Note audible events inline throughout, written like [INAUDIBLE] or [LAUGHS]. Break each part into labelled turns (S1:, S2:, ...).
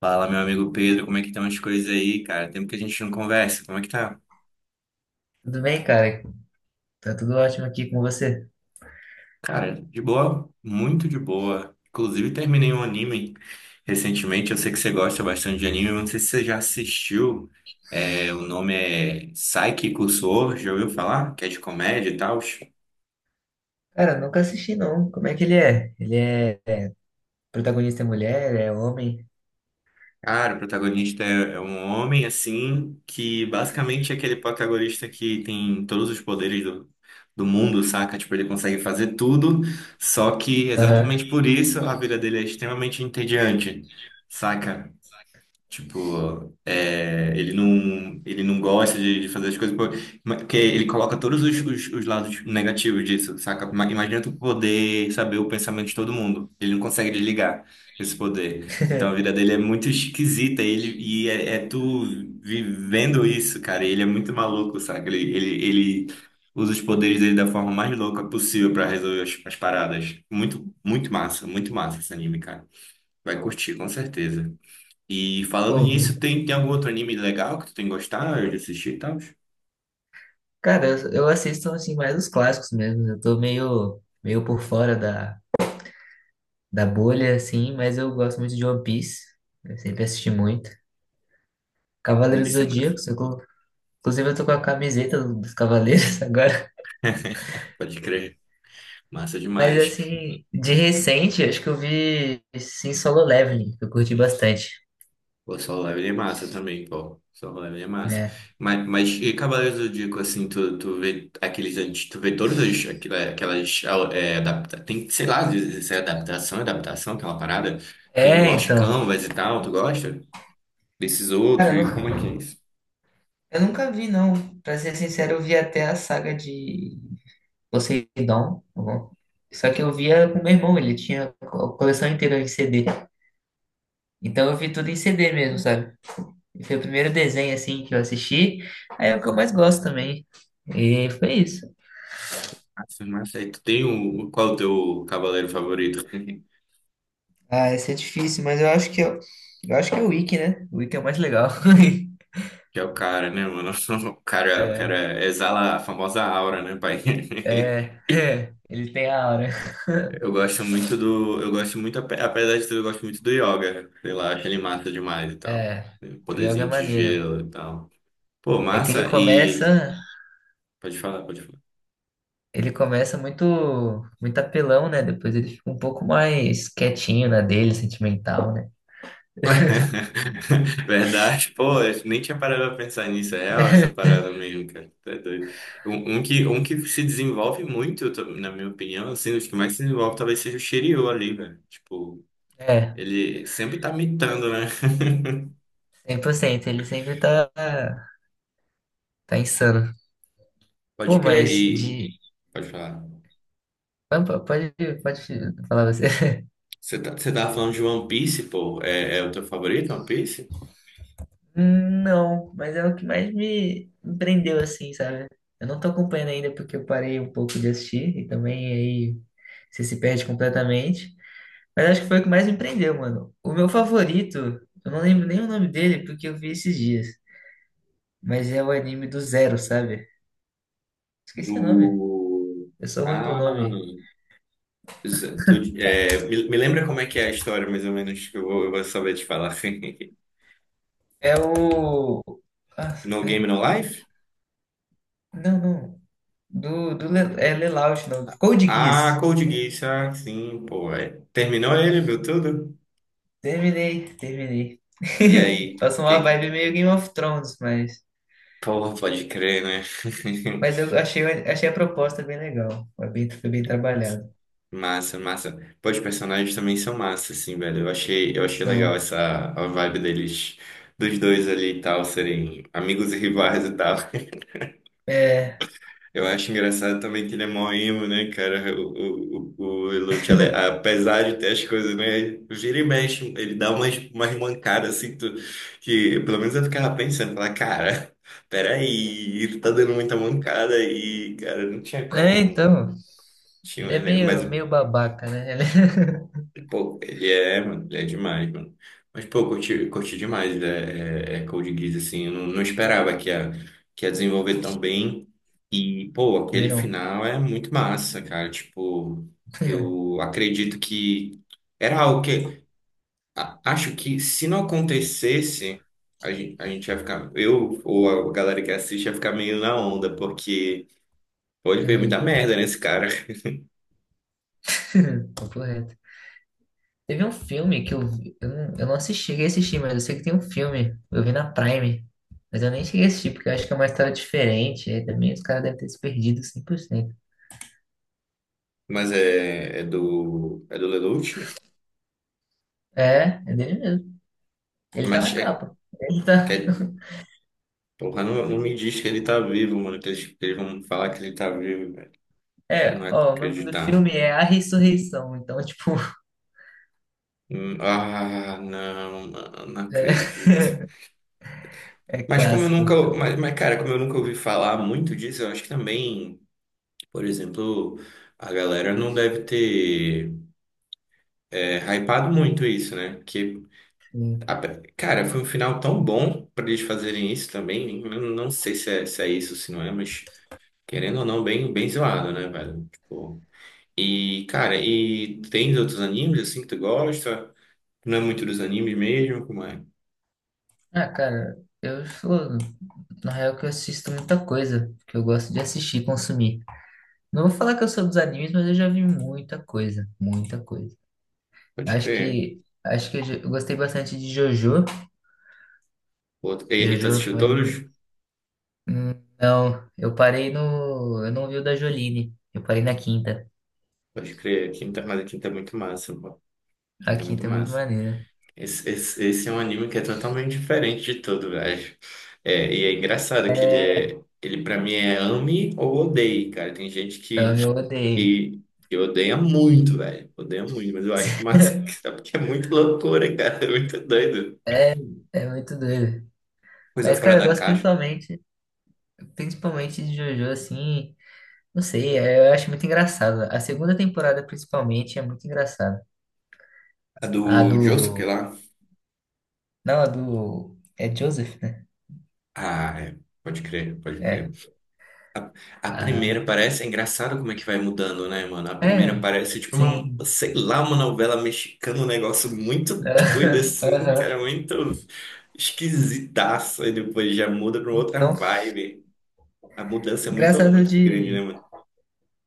S1: Fala, meu amigo Pedro, como é que estão as coisas aí, cara? Tempo que a gente não conversa, como é que tá?
S2: Tudo bem, cara? Tá tudo ótimo aqui com você.
S1: Cara, de boa, muito de boa. Inclusive, terminei um anime recentemente, eu sei que você gosta bastante de anime, eu não sei se você já assistiu. É, o nome é Saiki Kusuo, já ouviu falar? Que é de comédia e tal.
S2: Cara, nunca assisti não. Como é que ele é? Ele é, protagonista é mulher, é homem?
S1: Cara, o protagonista é um homem assim que basicamente é aquele protagonista que tem todos os poderes do mundo, saca? Tipo, ele consegue fazer tudo, só que
S2: Aham.
S1: exatamente por isso a vida dele é extremamente entediante, saca? Tipo, é, ele não gosta de fazer as coisas porque ele coloca todos os lados negativos disso, saca? Imagina tu poder saber o pensamento de todo mundo. Ele não consegue desligar esse poder. Então a vida
S2: [LAUGHS]
S1: dele é muito esquisita. E é tu vivendo isso, cara. Ele é muito maluco, saca? Ele usa os poderes dele da forma mais louca possível pra resolver as paradas. Muito, muito massa esse anime, cara. Vai curtir, com certeza. E falando
S2: Pô,
S1: nisso, tem algum outro anime legal que tu tem gostado de assistir e tal?
S2: cara, eu assisto assim mais os clássicos mesmo. Eu tô meio meio por fora da bolha assim, mas eu gosto muito de One Piece. Eu sempre assisti muito.
S1: Vamos
S2: Cavaleiros do
S1: ver massa.
S2: Zodíaco, inclusive eu tô com a camiseta dos Cavaleiros [LAUGHS] agora.
S1: Pode crer. Massa
S2: Mas
S1: demais.
S2: assim, de recente, acho que eu vi sim Solo Leveling, que eu curti bastante.
S1: O Solo Leveling é massa também, pô. Solo Leveling é massa.
S2: Né?
S1: Mas e Cavaleiros do Zodíaco, assim, tu vê aqueles antes, tu vê todas as, aquelas, é, adapta, tem, sei lá, às vezes é adaptação, aquela parada. Tem o
S2: É,
S1: Lost
S2: então.
S1: Canvas e tal, tu gosta? Desses outros,
S2: Cara, eu
S1: e como é
S2: nunca,
S1: que é isso?
S2: eu nunca vi, não. Pra ser sincero, eu vi até a saga de Poseidon. Só que eu via com meu irmão, ele tinha a coleção inteira em CD. Então eu vi tudo em CD mesmo, sabe? E foi o primeiro desenho, assim, que eu assisti. Aí é o que eu mais gosto também. E foi isso.
S1: Massa, massa. E tu tem o, qual é o teu cavaleiro favorito? [LAUGHS]
S2: Ah, esse é difícil, mas eu acho que é o Wiki, né? O Wiki é o mais legal. [LAUGHS]
S1: Que é o cara, né, mano? [LAUGHS] O cara exala a famosa aura, né, pai? [LAUGHS]
S2: É, ele tem a aura.
S1: Eu gosto muito do. Eu gosto muito, apesar de tudo, eu gosto muito do yoga. Sei lá, acho ele massa demais e tal.
S2: É,
S1: Tem um
S2: o jogo é
S1: Poderzinho de
S2: maneiro.
S1: gelo e tal. Pô,
S2: É que ele
S1: massa e.
S2: começa.
S1: Pode falar, pode falar.
S2: Ele começa muito, muito apelão, né? Depois ele fica um pouco mais quietinho na dele, sentimental, né?
S1: [LAUGHS] Verdade, pô, eu nem tinha parado pra pensar nisso. É real essa parada mesmo, cara. Tá doido. Um, um que se desenvolve muito, eu na minha opinião, assim, os que mais se desenvolve talvez seja o Shiryu ali, velho. Tipo.
S2: É,
S1: Ele sempre tá mitando, né?
S2: 100%. Ele sempre tá insano. Pô,
S1: Pode crer.
S2: mas
S1: E
S2: de...
S1: pode falar.
S2: Ah, Pode falar você. [LAUGHS]
S1: Você tá, você tava falando de One Piece, pô. É, é o teu favorito, One Piece?
S2: Não, mas é o que mais me prendeu, assim, sabe? Eu não tô acompanhando ainda porque eu parei um pouco de assistir e também aí você se perde completamente. Mas acho que foi o que mais me prendeu, mano. O meu favorito, eu não lembro nem o nome dele porque eu vi esses dias. Mas é o anime do Zero, sabe? Esqueci o nome.
S1: Do.
S2: Eu sou ruim com o
S1: Ah,
S2: nome.
S1: isso- tu, é, me lembra como é que é a história, mais ou menos, que eu vou saber te falar. [LAUGHS]
S2: É o. Nossa,
S1: No Game,
S2: peraí.
S1: No Life?
S2: Não, não. Do É Lelouch, não. Code
S1: Ah,
S2: Geass.
S1: Code Geass, ah, sim, pô. É. Terminou ele, viu tudo?
S2: Terminei, terminei.
S1: E
S2: [LAUGHS]
S1: aí?
S2: Passou uma
S1: Que...
S2: vibe meio Game of Thrones, mas.
S1: Pô, pode crer, né?
S2: Mas eu achei a proposta bem legal. Foi bem
S1: [LAUGHS]
S2: trabalhado.
S1: Massa, massa. Pô, os personagens também são massa, assim, velho. Eu achei legal
S2: Então,
S1: essa a vibe deles, dos dois ali e tal, serem amigos e rivais e tal. [LAUGHS]
S2: é.
S1: Eu acho engraçado também que ele é mó emo, né, cara? O Luke, ele- é, apesar de ter as coisas, né? Vira e mexe, ele dá umas mancadas assim, que pelo menos eu ficava pensando, falar, cara, peraí, tu tá dando muita mancada aí, cara, não tinha
S2: É,
S1: como, mano.
S2: então.
S1: Tinha,
S2: Ele é
S1: um mas
S2: meio, meio babaca, né? Ele...
S1: Pô, ele é, mano, ele é demais, mano. Mas, pô, curti, curti demais, né? É, é Code Geass, assim, eu não esperava que ia desenvolver tão bem. E, pô,
S2: [LAUGHS] Não é
S1: aquele
S2: não.
S1: final é muito massa, cara. Tipo, eu acredito que era algo que. A- acho que se não acontecesse, a gente ia ficar. Eu ou a galera que assiste ia ficar meio na onda, porque pô, ele fez
S2: Uhum.
S1: muita merda nesse cara.
S2: [LAUGHS] Papo reto. Teve um filme que eu vi, eu não assisti, cheguei a assistir, mas eu sei que tem um filme, eu vi na Prime, mas eu nem cheguei a assistir, porque eu acho que é uma história diferente, aí também os caras devem ter se perdido 100%.
S1: Mas é, é do. É do Lelouch.
S2: É, é dele mesmo. Ele tá
S1: Mas
S2: na
S1: é.
S2: capa. Ele tá...
S1: Porra, não, não me diz que ele tá vivo, mano. Que eles vão falar que ele tá vivo, velho. Não
S2: É,
S1: é de
S2: ó, o nome do
S1: acreditar.
S2: filme é A Ressurreição, então, tipo,
S1: Ah, não, mano, não
S2: [LAUGHS] é,
S1: acredito.
S2: é
S1: Mas como eu
S2: clássico.
S1: nunca.
S2: É o
S1: Mas, cara, como eu nunca ouvi falar muito disso, eu acho que também, por exemplo, a galera não deve ter é, hypado muito isso, né? Porque,
S2: filme.
S1: a- cara, foi um final tão bom pra eles fazerem isso também. Eu não sei se é, se é isso, se não é, mas querendo ou não, bem, bem zoado, né, velho? Tipo. E, cara, e tem outros animes assim que tu gosta? Não é muito dos animes mesmo, como é?
S2: Ah, cara, eu sou, na real, que eu assisto muita coisa, que eu gosto de assistir e consumir. Não vou falar que eu sou dos animes, mas eu já vi muita coisa, muita coisa.
S1: Pode
S2: Acho
S1: crer.
S2: que acho que eu gostei bastante de Jojo.
S1: Outro... E, e tu
S2: Jojo
S1: assistiu
S2: foi
S1: todos?
S2: hum, Não, eu parei no, eu não vi o da Jolene. Eu parei na quinta.
S1: Pode crer. Quinta... Mas a quinta é muito massa. Pô.
S2: A
S1: Quinta é muito
S2: quinta é muito
S1: massa.
S2: maneira.
S1: Esse é um anime que é totalmente diferente de tudo, velho. É, e é engraçado que ele é. Ele pra mim é ame ou odeie, cara. Tem gente
S2: Ela me odeio.
S1: que, que odeia muito, velho. Odeia muito, mas eu acho massa, [LAUGHS]
S2: [LAUGHS]
S1: sabe? Porque é muito loucura, cara. É muito doido.
S2: É muito doido.
S1: Coisa
S2: Mas,
S1: fora
S2: cara, eu
S1: da
S2: gosto
S1: caixa.
S2: principalmente de Jojo, assim, não sei, eu acho muito engraçado. A segunda temporada, principalmente, é muito engraçada.
S1: A
S2: A
S1: do Josuke
S2: do.
S1: lá?
S2: Não, a do. É Joseph, né?
S1: Ah, é. Pode crer, pode crer.
S2: É.
S1: A primeira
S2: A...
S1: parece. É engraçado como é que vai mudando, né, mano? A primeira
S2: É,
S1: parece tipo uma,
S2: sim.
S1: sei lá, uma novela mexicana, um negócio muito doido,
S2: [LAUGHS]
S1: assim, cara,
S2: Aham.
S1: muito esquisitaço. E depois já muda pra uma outra
S2: Então,
S1: vibe. A mudança é muito,
S2: engraçado
S1: muito grande, né,
S2: de.
S1: mano?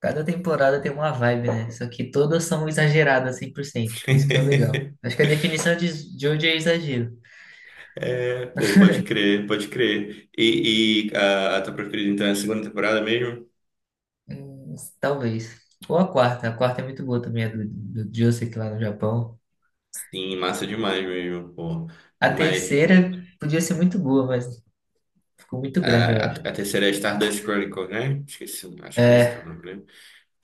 S2: Cada temporada tem uma vibe, né? Só que todas são exageradas 100%. Isso que é o legal.
S1: [LAUGHS]
S2: Acho que a definição de Jojo é exagero.
S1: É, pô, pode crer, pode crer. E a tua preferida, então, é a segunda temporada mesmo?
S2: Talvez. Ou a quarta. A quarta é muito boa também, a do Josuke lá no Japão.
S1: Sim, massa demais mesmo, pô.
S2: A
S1: Mas
S2: terceira podia ser muito boa, mas ficou muito
S1: é,
S2: grande, eu
S1: a,
S2: acho.
S1: a terceira é Stardust Chronicles, né? Esqueci, o- acho que é esse que é o
S2: É,
S1: nome, né?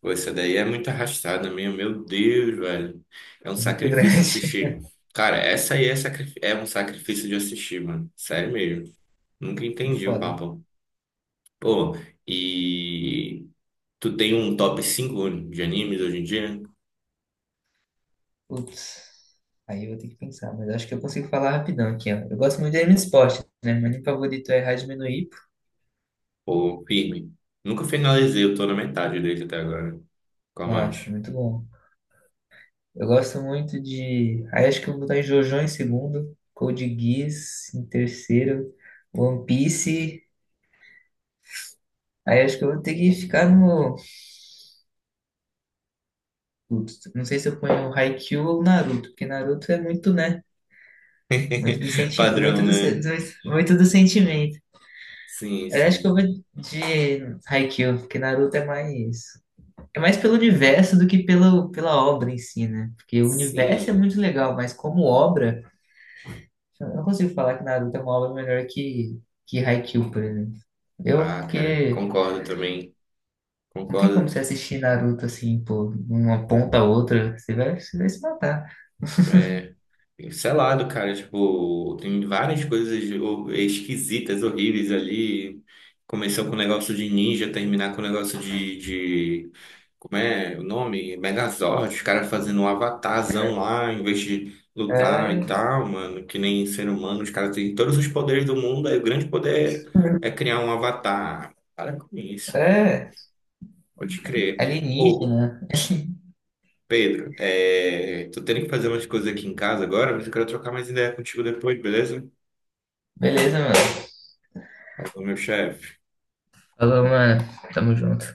S1: Pô, essa daí é muito arrastada mesmo, meu Deus, velho. É um
S2: é muito
S1: sacrifício
S2: grande.
S1: assistir. Cara, essa aí é, sacri- é um sacrifício de assistir, mano. Sério mesmo. Nunca
S2: [LAUGHS]
S1: entendi o
S2: Foda.
S1: papo. Pô, e tu tem um top cinco de animes hoje em dia?
S2: Putz. Aí eu vou ter que pensar, mas acho que eu consigo falar rapidão aqui, ó. Eu gosto muito de anime de esporte, né? Meu anime favorito é Hajime no Ippo.
S1: Ou firme? Nunca finalizei, eu tô na metade dele até agora. Qual
S2: Nossa,
S1: mais?
S2: muito bom. Eu gosto muito de. Aí acho que eu vou botar JoJo em segundo, Code Geass em terceiro, One Piece. Aí acho que eu vou ter que ficar no. Putz, não sei se eu ponho o Haikyuu ou Naruto, porque Naruto é muito, né? Muito do
S1: [LAUGHS]
S2: senti... muito
S1: Padrão,
S2: do, se-
S1: né?
S2: do- muito do sentimento.
S1: Sim,
S2: Aí acho que eu
S1: sim.
S2: vou de Haikyuu, porque Naruto é mais pelo universo do que pelo pela obra em si, né? Porque o universo é
S1: Sim.
S2: muito legal, mas como obra eu não consigo falar que Naruto é uma obra melhor que Haikyuu, por exemplo.
S1: Ah, cara,
S2: Porque
S1: concordo também.
S2: não tem como
S1: Concordo.
S2: você assistir Naruto assim, pô, de uma ponta a outra, você vai se matar.
S1: É, sei lá, do cara, tipo, tem várias coisas esquisitas, horríveis ali. Começou com o negócio de ninja, terminar com o negócio como é o nome? Megazord, os caras fazendo um avatarzão lá, em vez de lutar e
S2: É,
S1: tal, mano, que nem ser humano, os caras têm todos os poderes do mundo, aí o grande poder é criar um avatar. Para com isso, velho.
S2: é
S1: Pode crer. Ou
S2: alienígena. [LAUGHS]
S1: Pedro, é... tô tendo que fazer umas coisas aqui em casa agora, mas eu quero trocar mais ideia contigo depois, beleza?
S2: Beleza, mano.
S1: Falou, meu chefe.
S2: Falou, mano. Tamo junto.